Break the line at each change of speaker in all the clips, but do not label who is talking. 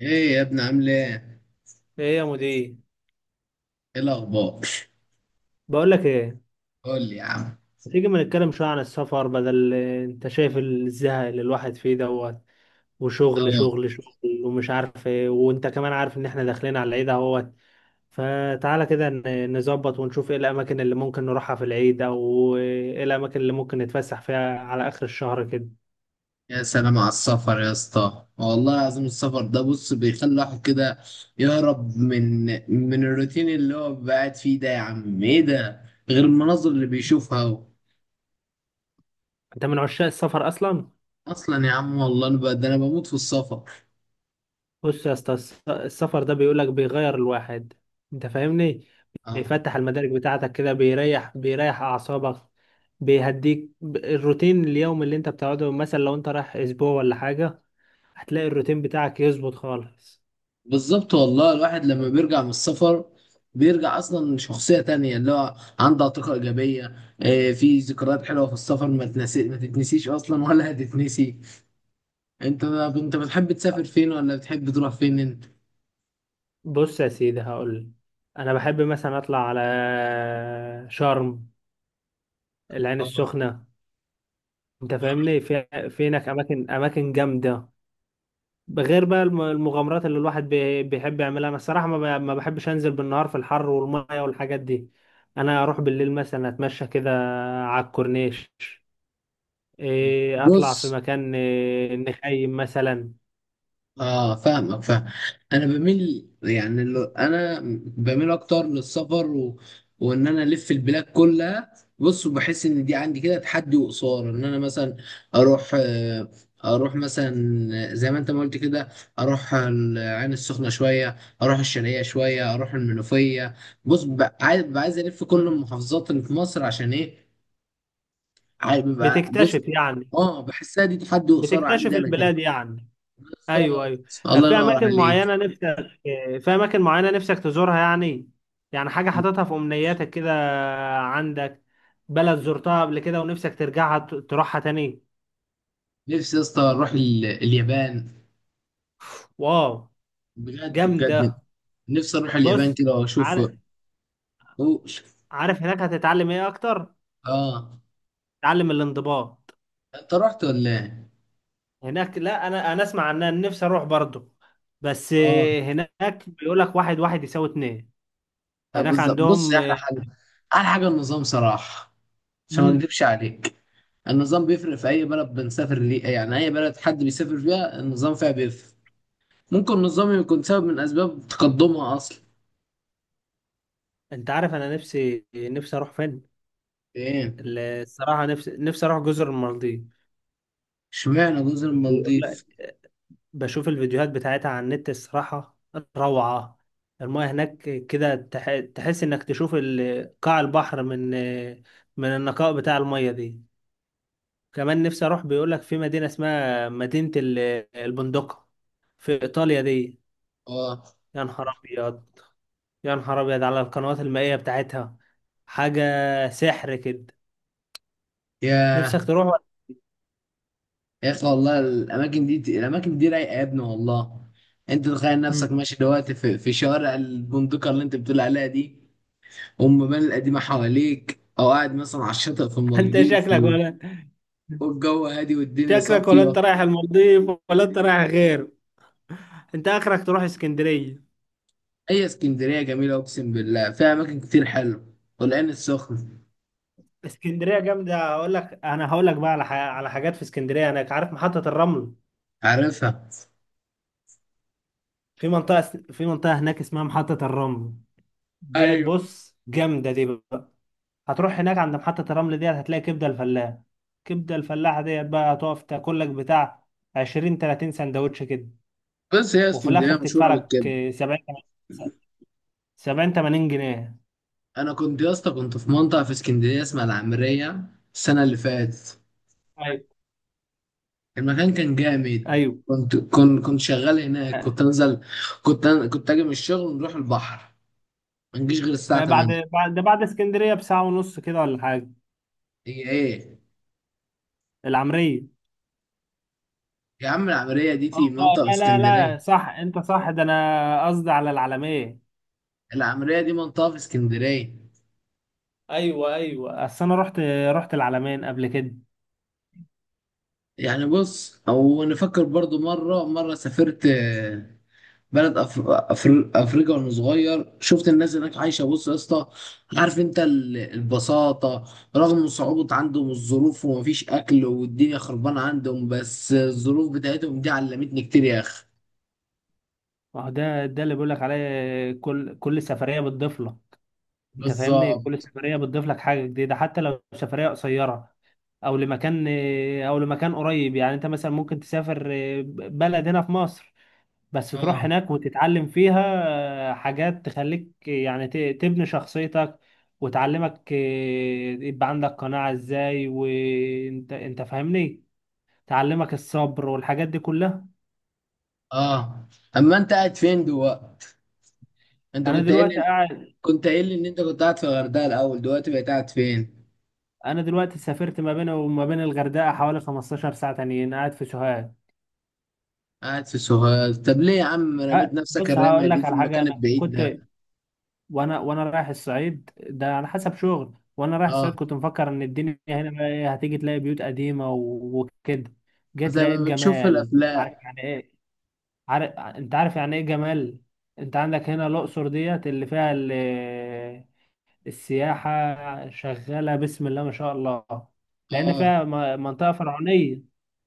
ايه يا ابني عامل ايه؟
ايه يا مدير.
ايه الاخبار؟
بقول لك ايه،
قول لي يا عم.
ما تيجي ما نتكلم شويه عن السفر؟ بدل انت شايف الزهق اللي الواحد فيه دوت وشغل
اه.
شغل شغل ومش عارف ايه، وانت كمان عارف ان احنا داخلين على العيد اهوت. فتعالى كده نظبط ونشوف ايه الاماكن اللي ممكن نروحها في العيد، او ايه الاماكن اللي ممكن نتفسح فيها على اخر الشهر كده.
يا سلام على السفر يا اسطى، والله العظيم السفر ده بص بيخلي الواحد كده يهرب من الروتين اللي هو بيبقى قاعد فيه ده، يا عم ايه ده؟ غير المناظر اللي بيشوفها هو.
انت من عشاق السفر اصلا.
اصلا يا عم والله انا ده انا بموت في السفر.
بص يا اسطى، السفر ده بيقولك بيغير الواحد، انت فاهمني؟
اه،
بيفتح المدارك بتاعتك كده، بيريح بيريح اعصابك، بيهديك الروتين اليوم اللي انت بتقعده، مثلا لو انت رايح اسبوع ولا حاجة هتلاقي الروتين بتاعك يظبط خالص.
بالظبط، والله الواحد لما بيرجع من السفر بيرجع اصلا شخصيه تانية اللي هو عنده طاقه ايجابيه. في ذكريات حلوه في السفر ما تنسي، ما تتنسيش اصلا ولا هتتنسي. انت بتحب تسافر فين، ولا بتحب تروح فين انت؟
بص يا سيدي، هقول. انا بحب مثلا اطلع على شرم، العين
اه.
السخنة، انت فاهمني. في هناك اماكن جامدة، غير بقى المغامرات اللي الواحد بيحب يعملها. انا الصراحه ما بحبش انزل بالنهار في الحر والميه والحاجات دي. انا اروح بالليل مثلا، اتمشى كده على الكورنيش، اطلع في
بص.
مكان، نخيم مثلا.
اه، فاهمك فاهم. انا بميل يعني، اللي انا بميل اكتر للسفر وان انا الف البلاد كلها. بص، وبحس ان دي عندي كده تحدي وقصار، ان انا مثلا اروح آه، اروح مثلا زي ما انت ما قلت كده. اروح العين السخنه شويه، اروح الشرقيه شويه، اروح المنوفيه. بص، ببقى عايز الف كل
مم.
المحافظات اللي في مصر، عشان ايه؟ عايز ببقى، بص،
بتكتشف يعني،
اه بحسها دي تحدي وقصار عندي
بتكتشف
انا كده.
البلاد يعني. ايوه
بالظبط.
ايوه. طب
الله
في
ينور
اماكن
عليك.
معينه نفسك، في اماكن معينه نفسك تزورها يعني؟ يعني حاجه حاططها في امنياتك كده، عندك بلد زرتها قبل كده ونفسك ترجعها تروحها تاني؟
نفسي يا اسطى اروح اليابان.
واو،
بجد
جامدة.
بجد. نفسي اروح اليابان
بص،
كده واشوف
عارف،
وش-
عارف هناك هتتعلم ايه اكتر؟
اه.
تعلم الانضباط.
انت رحت ولا ايه؟
هناك، لا انا، انا اسمع عنها، نفسي اروح برضو، بس.
اه.
هناك بيقول لك واحد واحد يساوي اتنين. هناك
بالظبط. بص،
عندهم.
يا احلى حاجه، احلى حاجه النظام صراحه، عشان ما
مم.
اكدبش عليك. النظام بيفرق في اي بلد بنسافر ليه، يعني اي بلد حد بيسافر فيها النظام فيها بيفرق. ممكن النظام يكون سبب من اسباب تقدمها اصلا.
انت عارف انا نفسي، نفسي اروح فين؟
ايه؟
الصراحة نفسي، نفسي اروح جزر المالديف.
اشمعنى جزر
بيقول،
المالديف؟
بشوف الفيديوهات بتاعتها على النت الصراحة روعة. المياه هناك كده تحس انك تشوف قاع البحر من، من النقاء بتاع المياه دي. كمان نفسي اروح، بيقولك في مدينة اسمها مدينة البندقة في ايطاليا دي.
اه.
يا نهار ابيض، يا نهار ابيض على القنوات المائية بتاعتها. حاجة سحر كده. نفسك
يا
تروح ولا؟
يا اخي، والله الاماكن دي، الاماكن دي رايقه يا ابني، والله. انت تخيل نفسك
مم.
ماشي دلوقتي في شوارع البندقه اللي انت بتقول عليها دي، والمباني القديمه حواليك، او قاعد مثلا على الشاطئ في
انت
المالديف
شكلك ولا،
والجو هادي والدنيا
شكلك ولا
صافيه.
انت رايح المالديف ولا انت رايح غير. انت اخرك تروح اسكندرية.
هي اسكندريه جميله، اقسم بالله فيها اماكن كتير حلوه، والعين السخنه.
اسكندريه جامده، هقول لك، انا هقول لك بقى على على حاجات في اسكندريه. هناك عارف محطه الرمل؟
عارفها.
في منطقه في منطقه هناك اسمها محطه الرمل ديت،
ايوه.
بص جامده دي بقى. هتروح هناك عند محطه الرمل ديت، هتلاقي كبده الفلاح. كبده الفلاح ديت بقى هتقف تاكل لك بتاع 20 30 سندوتش كده،
بس هي
وفي الاخر
اسكندريه
تدفع
مشهوره
لك
بالكده.
70، 70 80 جنيه.
انا كنت يا اسطى كنت في منطقه في اسكندريه اسمها العمريه، السنه اللي فاتت.
ايوه
المكان كان جامد،
ايوه.
كنت شغال هناك،
آه،
كنت انزل، كنت اجي من الشغل ونروح البحر، ما نجيش غير الساعه
ما بعد،
8.
بعد ده بعد اسكندريه بساعه ونص كده ولا حاجه.
هي ايه؟
العمريه؟
يا عم العمريه دي تي
اه،
منطقه في
لا لا.
اسكندريه،
لا صح، انت صح، ده انا قصدي على العلمية.
العمريه دي منطقه في اسكندريه.
ايوه ايوه، اصل انا رحت، رحت العلمين قبل كده.
يعني بص، او نفكر برضو، مره مره سافرت بلد افريقيا وانا صغير، شفت الناس هناك عايشه، بص يا اسطى، عارف انت البساطه، رغم صعوبه عندهم الظروف ومفيش اكل والدنيا خربانه عندهم، بس الظروف بتاعتهم دي علمتني كتير يا اخي.
ما هو ده ده اللي بقول لك عليه، كل كل سفرية بتضيف لك، انت فاهمني؟ كل
بالظبط.
سفرية بتضيف لك حاجة جديدة، حتى لو سفرية قصيرة، او لمكان، او لمكان قريب. يعني انت مثلا ممكن تسافر بلد هنا في مصر، بس تروح
اه.
هناك وتتعلم فيها حاجات تخليك يعني تبني شخصيتك، وتعلمك، يبقى عندك قناعة ازاي، وانت، انت فاهمني، تعلمك الصبر والحاجات دي كلها.
اه. اما انت قاعد فين دلوقتي؟ انت
انا
كنت قايل
دلوقتي
لي
قاعد،
كنت قايل لي ان انت كنت قاعد في الغردقه الاول، دلوقتي بقيت قاعد فين؟
انا دلوقتي سافرت ما بين وما بين الغردقة حوالي 15 ساعة تانيين، قاعد في سوهاج.
قاعد في سوهاج، طب ليه يا عم رميت نفسك
بص
الرمية
هقول
دي
لك
في
على حاجة.
المكان
انا
البعيد
كنت،
ده؟
وانا رايح الصعيد ده على حسب شغل، وانا رايح
اه،
الصعيد كنت مفكر ان الدنيا هنا بقى، هتيجي تلاقي بيوت قديمه وكده. جيت
زي ما
لقيت
بنشوف في
جمال، عارف
الافلام.
يعني ايه؟ عارف، انت عارف يعني ايه جمال؟ انت عندك هنا الاقصر ديت اللي فيها السياحه شغاله بسم الله ما شاء الله، لان
اه.
فيها منطقه فرعونيه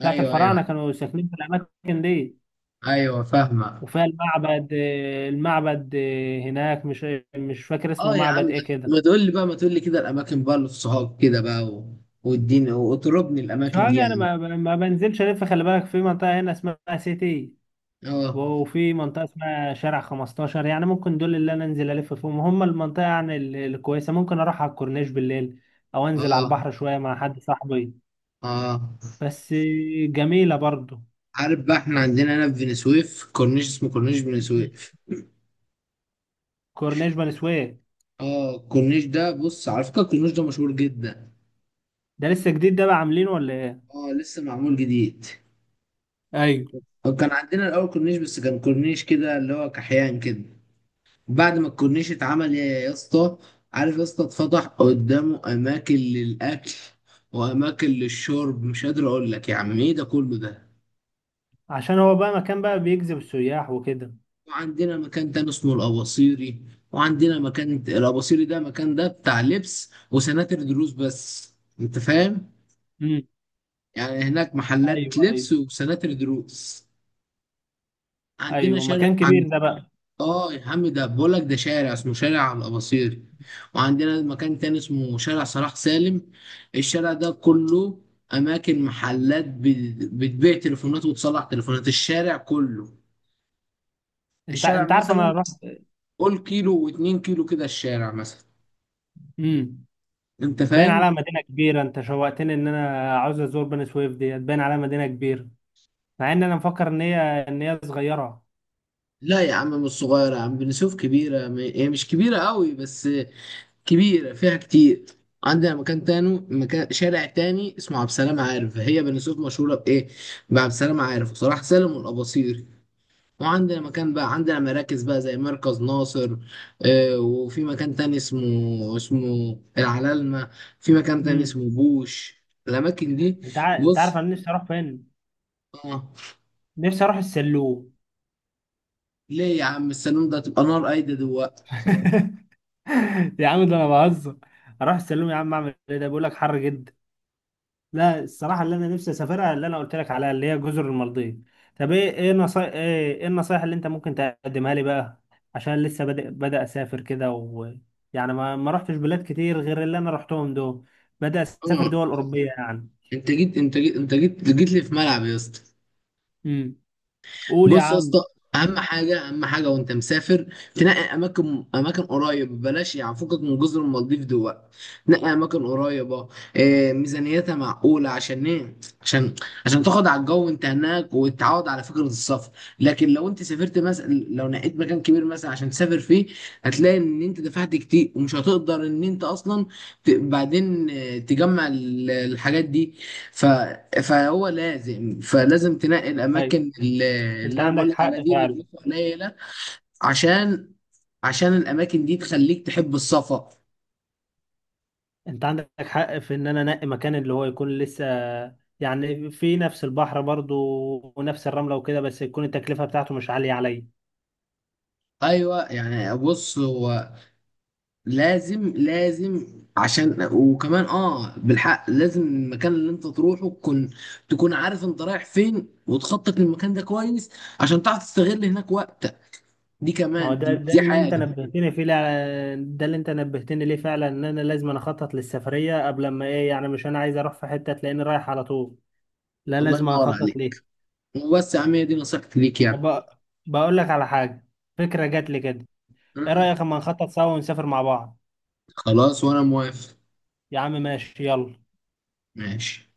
بتاعت
ايوه. ايوه.
الفراعنه كانوا ساكنين في الاماكن دي.
ايوه، فاهمه.
وفيها المعبد، المعبد هناك، مش، مش فاكر اسمه
اه يا عم،
معبد ايه كده.
ما تقول لي بقى، ما تقول لي كده الاماكن بقى للصحاب كده بقى، واديني واطربني الاماكن
شوارع
دي
انا
يعني.
ما بنزلش الف، خلي بالك. في منطقه هنا اسمها سيتي،
اه.
وفي منطقه اسمها شارع 15، يعني ممكن دول اللي انا انزل الف فيهم هم المنطقه يعني الكويسه. ممكن اروح على الكورنيش بالليل، او انزل على
اه.
البحر شويه مع حد صاحبي،
اه.
بس. جميله برضو.
عارف بقى، احنا عندنا هنا في بني سويف كورنيش اسمه كورنيش بني سويف.
كورنيش بني سويف،
اه، الكورنيش ده، بص على فكره، الكورنيش ده مشهور جدا.
ده لسه جديد ده بقى، عاملينه ولا ايه؟
اه، لسه معمول جديد.
ايوه.
وكان عندنا الاول كورنيش، بس كان كورنيش كده اللي هو كحيان كده. بعد ما الكورنيش اتعمل يا اسطى، عارف يا اسطى، اتفتح قدامه اماكن للاكل واماكن للشرب، مش قادر اقول لك يا عم ايه ده كله ده.
عشان هو بقى مكان بقى بيجذب السياح وكده.
وعندنا مكان تاني اسمه الاباصيري، وعندنا مكان الاباصيري ده، مكان ده بتاع لبس وسناتر دروس بس، انت فاهم.
امم.
يعني هناك محلات
ايوه ايوه.
لبس وسناتر دروس. عندنا
ايوه
شارع.
مكان كبير ده بقى.
اه يا عم، ده بقول لك، ده شارع اسمه شارع الاباصير. وعندنا مكان تاني اسمه شارع صلاح سالم، الشارع ده كله اماكن، محلات بتبيع تليفونات وتصلح تليفونات، الشارع كله.
انت
الشارع
انت عارف، انا
مثلا،
رحت.
قول كيلو واتنين كيلو كده، الشارع مثلا،
امم.
انت
باين
فاهم.
عليها مدينة كبيرة، انت شوقتني ان انا عاوز ازور بني سويف ديت، باين عليها مدينة كبيرة، مع ان انا مفكر ان هي، ان هي صغيرة.
لا يا عم، مش صغيرة يا عم، بني سويف كبيرة، هي مش كبيرة قوي، بس كبيرة فيها كتير. عندنا مكان تاني، مكان شارع تاني اسمه عبد السلام عارف، هي بني سويف مشهورة بإيه؟ بعبد السلام عارف وصلاح سالم والأباصير. وعندنا مكان بقى، عندنا مراكز بقى زي مركز ناصر. وفي مكان تاني اسمه العلالمة. في مكان تاني
امم.
اسمه بوش، الأماكن دي.
انت عارف
بص.
انا نفسي اروح فين؟
آه
نفسي اروح السلوم.
ليه يا عم؟ السلام ده تبقى نار قايدة دلوقتي.
يا عم ده انا بهزر. اروح السلوم يا عم اعمل ايه؟ ده بيقول لك حر جدا. لا الصراحة اللي أنا نفسي أسافرها اللي أنا قلت لك عليها اللي هي جزر المالديف. طب إيه، إيه النصائح اللي أنت ممكن تقدمها لي بقى؟ عشان لسه بدأ بدأ أسافر كده، و يعني ما ما رحتش بلاد كتير غير اللي أنا رحتهم دول. بدأ أسافر
آه
دول أوروبية يعني.
أنت جيت لي في ملعب يا اسطى.
امم. قول يا
بص يا
عم.
اسطى، اهم حاجه اهم حاجه وانت مسافر، تنقي اماكن، اماكن قريب، بلاش يعني فكك من جزر المالديف دول. نقي اماكن قريبه، ميزانيتها معقوله، عشان ايه؟ عشان عشان تاخد على الجو وانت هناك، وتتعود على فكره السفر. لكن لو انت سافرت مثلا، لو نقيت مكان كبير مثلا عشان تسافر فيه، هتلاقي ان انت دفعت كتير ومش هتقدر ان انت اصلا بعدين، تجمع الحاجات دي. ف... فهو لازم فلازم تنقي
أيوة،
الاماكن اللي,
أنت
اللي انا بقول
عندك
لك عليها
حق
دي، اللي
فعلا.
فلوسها قليله. عشان عشان الاماكن دي تخليك تحب السفر.
أنت عندك حق في إن أنا أنقي مكان اللي هو يكون لسه يعني في نفس البحر برضو، ونفس الرملة وكده، بس يكون التكلفة بتاعته مش عالية عليا.
ايوه، يعني بص هو، لازم لازم. عشان، وكمان بالحق، لازم المكان اللي انت تروحه تكون عارف انت رايح فين، وتخطط للمكان ده كويس عشان تعرف تستغل هناك وقتك. دي
ما هو
كمان،
ده
دي,
ده
دي
اللي انت
حاجه.
نبهتني فيه ده اللي انت نبهتني ليه فعلا، ان انا لازم، أنا اخطط للسفريه قبل ما ايه، يعني مش انا عايز اروح في حته تلاقيني رايح على طول، لا
الله
لازم
ينور
اخطط
عليك.
ليه.
وبس يا عم، هي دي نصيحتي ليك يعني.
ب- بقول لك على حاجه، فكره جات لي كده. ايه
مم.
رايك اما نخطط سوا ونسافر مع بعض؟
خلاص وانا موافق.
يا عم ماشي، يلا.
ماشي.